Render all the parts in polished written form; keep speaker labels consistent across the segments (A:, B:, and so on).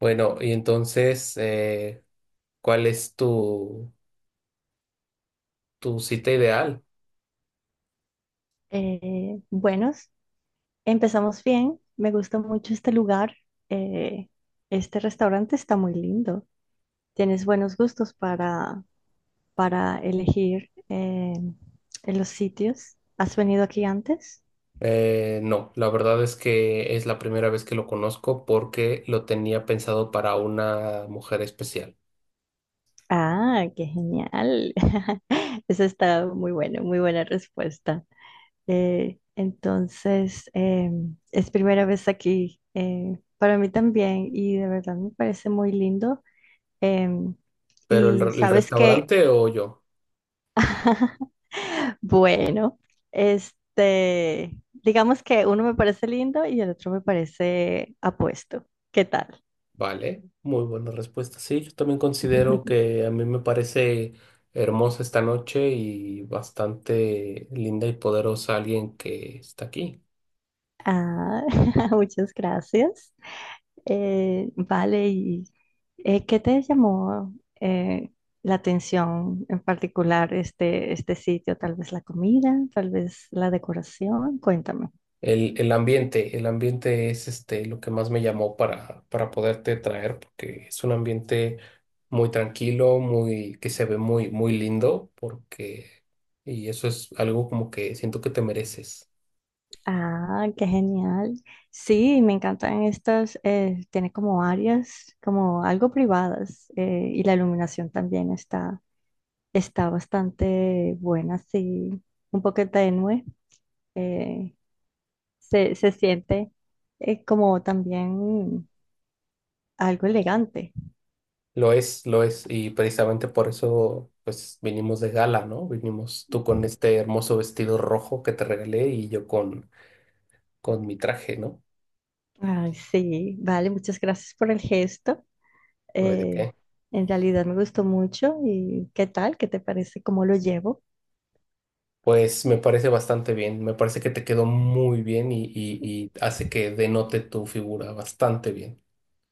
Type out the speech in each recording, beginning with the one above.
A: Bueno, y entonces, ¿cuál es tu cita ideal?
B: Eh, buenos, empezamos bien. Me gusta mucho este lugar. Eh, este restaurante está muy lindo. Tienes buenos gustos para elegir en los sitios. ¿Has venido aquí antes?
A: No, la verdad es que es la primera vez que lo conozco porque lo tenía pensado para una mujer especial.
B: Ah, qué genial. Eso está muy bueno, muy buena respuesta. Es primera vez aquí para mí también y de verdad me parece muy lindo. Em,
A: ¿Pero
B: y
A: el
B: sabes que,
A: restaurante o yo?
B: bueno, este, digamos que uno me parece lindo y el otro me parece apuesto. ¿Qué tal?
A: Vale, muy buena respuesta. Sí, yo también considero que a mí me parece hermosa esta noche y bastante linda y poderosa alguien que está aquí.
B: Ah, muchas gracias. Vale, y ¿qué te llamó eh, la atención en particular este sitio? Tal vez la comida, tal vez la decoración. Cuéntame.
A: El ambiente, el ambiente es este lo que más me llamó para poderte traer, porque es un ambiente muy tranquilo, muy, que se ve muy lindo, porque, y eso es algo como que siento que te mereces.
B: Ah, qué genial. Sí, me encantan estas, tiene como áreas, como algo privadas, y la iluminación también está bastante buena, sí, un poco tenue. eh, Se siente como también algo elegante.
A: Lo es, y precisamente por eso, pues, vinimos de gala, ¿no? Vinimos tú con este hermoso vestido rojo que te regalé y yo con mi traje, ¿no?
B: Ay, sí, vale, muchas gracias por el gesto.
A: No hay de
B: eh,
A: qué.
B: en realidad me gustó mucho y ¿qué tal? ¿Qué te parece? ¿Cómo lo llevo?
A: Pues me parece bastante bien, me parece que te quedó muy bien y hace que denote tu figura bastante bien.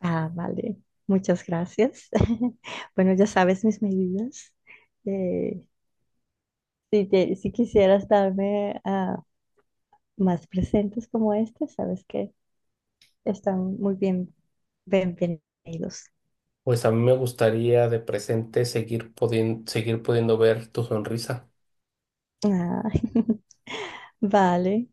B: Ah, vale. Muchas gracias. Bueno, ya sabes mis medidas. Eh, si quisieras darme más presentes como este, sabes que están muy bien, bienvenidos.
A: Pues a mí me gustaría de presente seguir pudiendo ver tu sonrisa.
B: Ah, vale.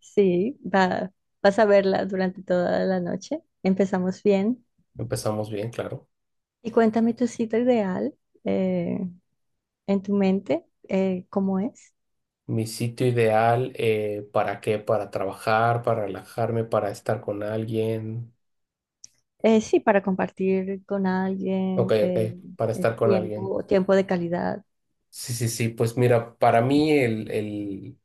B: Sí, vas a verla durante toda la noche. Empezamos bien.
A: Empezamos bien, claro.
B: Y cuéntame tu cita ideal eh, en tu mente, ¿cómo es?
A: Mi sitio ideal, ¿para qué? Para trabajar, para relajarme, para estar con alguien.
B: Sí, para compartir con
A: Ok,
B: alguien
A: ok, para
B: el
A: estar con alguien.
B: tiempo de calidad.
A: Sí, sí, sí, pues mira, para mí el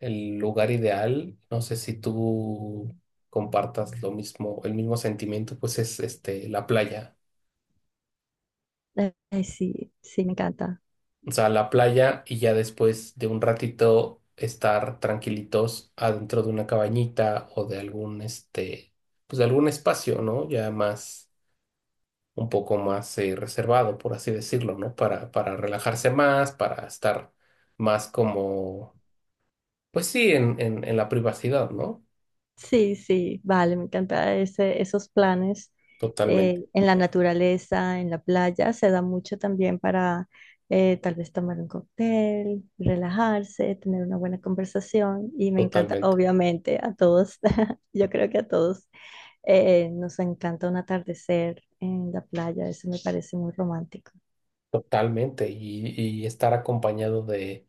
A: el lugar ideal, no sé si tú compartas lo mismo, el mismo sentimiento, pues es este la playa.
B: Sí, sí, me encanta.
A: O sea, la playa y ya después de un ratito estar tranquilitos adentro de una cabañita o de algún este, pues de algún espacio, ¿no? Ya más, un poco más reservado, por así decirlo, ¿no? Para relajarse más, para estar más como, pues sí, en la privacidad, ¿no?
B: Sí, sí, vale, me encanta esos planes
A: Totalmente,
B: en la naturaleza, en la playa. Se da mucho también para tal vez tomar un cóctel, relajarse, tener una buena conversación. Y me encanta,
A: totalmente.
B: obviamente, a todos, yo creo que a todos nos encanta un atardecer en la playa. Eso me parece muy romántico.
A: Totalmente, y estar acompañado de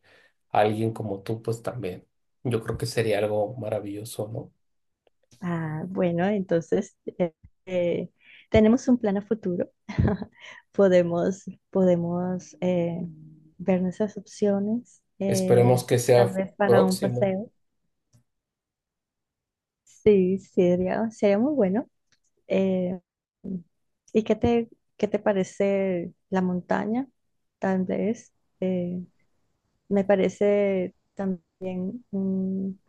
A: alguien como tú, pues también. Yo creo que sería algo maravilloso, ¿no?
B: Bueno, entonces eh, tenemos un plan a futuro. Podemos ver nuestras opciones,
A: Esperemos que
B: tal
A: sea
B: vez para un
A: próximo.
B: paseo. Sí, sería muy bueno. Eh, ¿y qué te parece la montaña? Tal vez. eh, Me parece también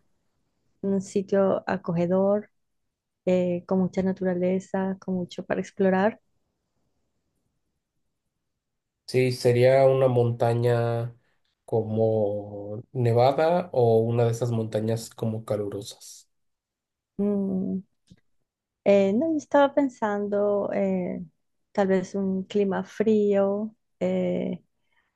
B: un sitio acogedor, con mucha naturaleza, con mucho para explorar.
A: Sí, sería una montaña como Nevada o una de esas montañas como calurosas.
B: Mm, no, yo estaba pensando tal vez un clima frío. eh,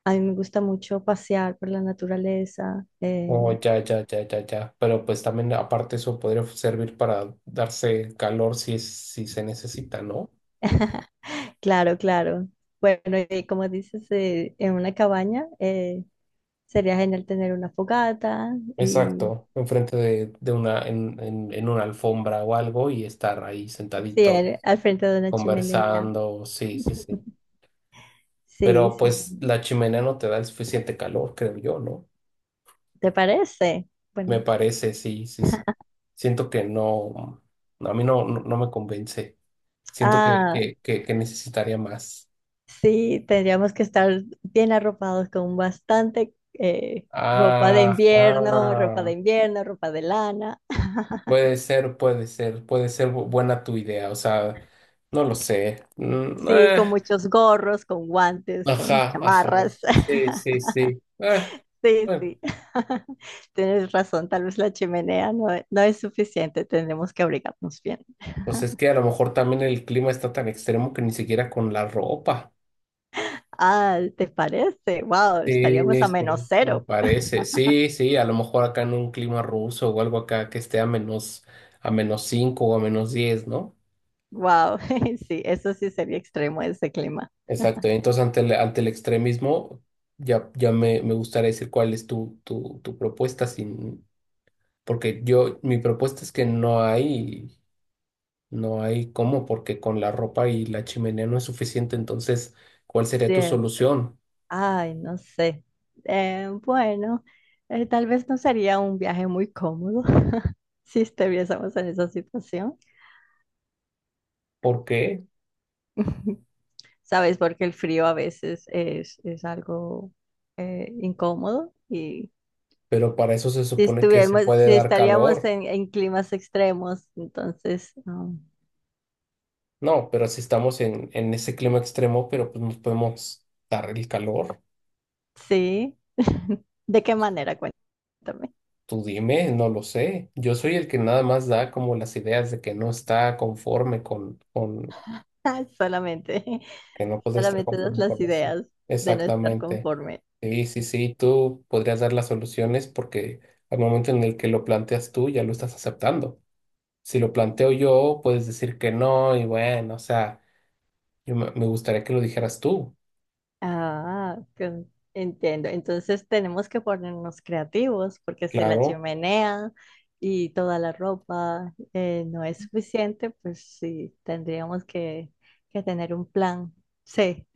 B: a mí me gusta mucho pasear por la naturaleza.
A: Oh, ya, ya, ya, ya, ya. Pero pues también aparte eso podría servir para darse calor si es, si se necesita, ¿no?
B: Claro, claro. Bueno, y como dices, en una cabaña sería genial tener una fogata y
A: Exacto, enfrente de una, en una alfombra o algo y estar ahí
B: sí,
A: sentadito
B: al frente de una chimenea.
A: conversando, sí, sí, sí.
B: Sí,
A: Pero
B: sí.
A: pues la chimenea no te da el suficiente calor, creo yo, ¿no?
B: ¿Te parece?
A: Me
B: Bueno,
A: parece, sí, sí, sí. Siento que no, no, a mí no, no, no me convence. Siento
B: ah.
A: que necesitaría más.
B: Sí, tendríamos que estar bien arropados con bastante ropa de
A: Ajá.
B: ropa de invierno, ropa de lana.
A: Puede ser, puede ser, puede ser buena tu idea, o sea, no lo sé.
B: Sí, con muchos gorros, con guantes, con
A: Ajá, ajá.
B: chamarras.
A: Sí, sí, sí. Ah,
B: Sí,
A: bueno,
B: sí. Tienes razón, tal vez la chimenea no es suficiente, tendremos que abrigarnos bien.
A: pues es que a lo mejor también el clima está tan extremo que ni siquiera con la ropa.
B: Ah, ¿te parece? Wow,
A: Sí,
B: estaríamos a
A: sí,
B: menos
A: me
B: cero.
A: parece. Sí, sí, a lo mejor acá en un clima ruso o algo acá que esté a menos 5 o a menos diez, ¿no?
B: Wow, sí, eso sí sería extremo ese clima.
A: Exacto. Entonces, ante el extremismo, ya, me gustaría decir cuál es tu propuesta sin, porque yo, mi propuesta es que no hay. No hay cómo, porque con la ropa y la chimenea no es suficiente. Entonces, ¿cuál sería tu
B: Sí.
A: solución?
B: Ay, no sé. Bueno, tal vez no sería un viaje muy cómodo si estuviésemos en esa situación.
A: ¿Por qué?
B: Sabes, porque el frío a veces es algo incómodo y
A: Pero para eso se supone que se puede
B: si
A: dar
B: estaríamos
A: calor.
B: en climas extremos, entonces,
A: No, pero si estamos en ese clima extremo, pero pues nos podemos dar el calor.
B: sí. ¿De qué manera? Cuéntame.
A: Tú dime, no lo sé. Yo soy el que nada más da como las ideas de que no está conforme
B: Solamente,
A: que no puede estar
B: solamente das
A: conforme
B: las
A: con eso.
B: ideas de no estar
A: Exactamente.
B: conforme.
A: Sí, sí, sí, tú podrías dar las soluciones porque al momento en el que lo planteas tú ya lo estás aceptando. Si lo planteo yo, puedes decir que no y bueno, o sea, yo me gustaría que lo dijeras tú.
B: Entiendo. Entonces tenemos que ponernos creativos porque si la
A: Claro,
B: chimenea y toda la ropa no es suficiente, pues sí, que tener un plan C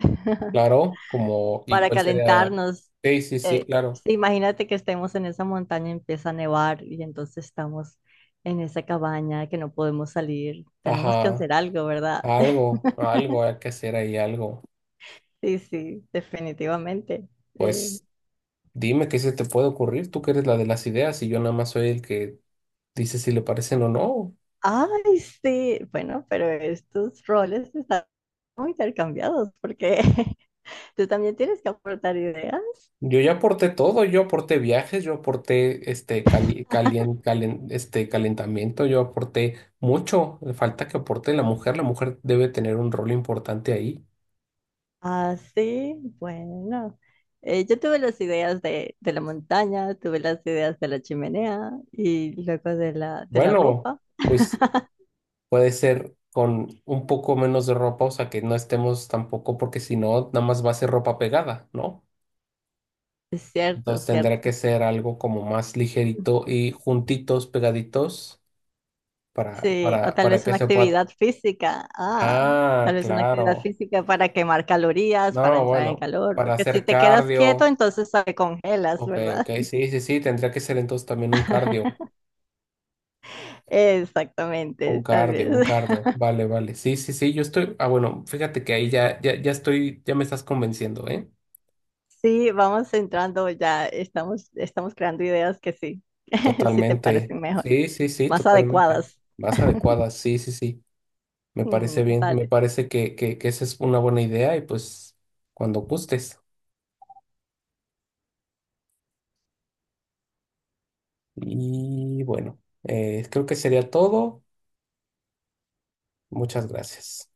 A: claro, como, ¿y
B: para
A: cuál sería?
B: calentarnos.
A: Sí, sí, sí, claro.
B: Sí, imagínate que estemos en esa montaña y empieza a nevar y entonces estamos en esa cabaña que no podemos salir. Tenemos que
A: Ajá,
B: hacer algo, ¿verdad?
A: algo, algo hay que hacer ahí, algo.
B: Sí, sí, definitivamente. Eh,
A: Pues dime qué se te puede ocurrir, tú que eres la de las ideas y yo nada más soy el que dice si le parecen o no.
B: Ay, sí, bueno, pero estos roles están muy intercambiados porque tú también tienes que aportar ideas.
A: Yo ya aporté todo, yo aporté viajes, yo aporté este, este calentamiento, yo aporté mucho. Le falta que aporte la mujer debe tener un rol importante ahí.
B: Ah, sí, bueno. Yo tuve las ideas de la montaña, tuve las ideas de la chimenea y luego de de la
A: Bueno,
B: ropa.
A: pues puede ser con un poco menos de ropa, o sea que no estemos tampoco, porque si no, nada más va a ser ropa pegada, ¿no?
B: Es cierto,
A: Entonces tendrá que
B: cierto.
A: ser algo como más ligerito y juntitos, pegaditos,
B: Sí, o tal
A: para
B: vez
A: que
B: una
A: se pueda...
B: actividad física. Ah,
A: Ah,
B: tal vez una actividad
A: claro.
B: física para quemar calorías, para
A: No,
B: entrar en
A: bueno,
B: calor,
A: para
B: porque si
A: hacer
B: te quedas quieto,
A: cardio.
B: entonces te congelas,
A: Ok,
B: ¿verdad?
A: ok, sí, sí, sí, tendría que ser entonces también un cardio. Un
B: Exactamente, tal
A: cardio,
B: vez.
A: un cardio. Vale, vale. Sí, sí, sí, yo estoy. Ah, bueno, fíjate que ahí ya, ya, ya estoy, ya me estás convenciendo, ¿eh?
B: Sí, vamos entrando ya, estamos creando ideas que sí, sí te
A: Totalmente.
B: parecen mejor,
A: Sí, sí, sí,
B: más
A: totalmente.
B: adecuadas.
A: Más adecuada, sí, sí, sí. Me parece
B: Mm,
A: bien, me
B: vale.
A: parece que esa es una buena idea y pues cuando gustes. Y bueno, creo que sería todo. Muchas gracias.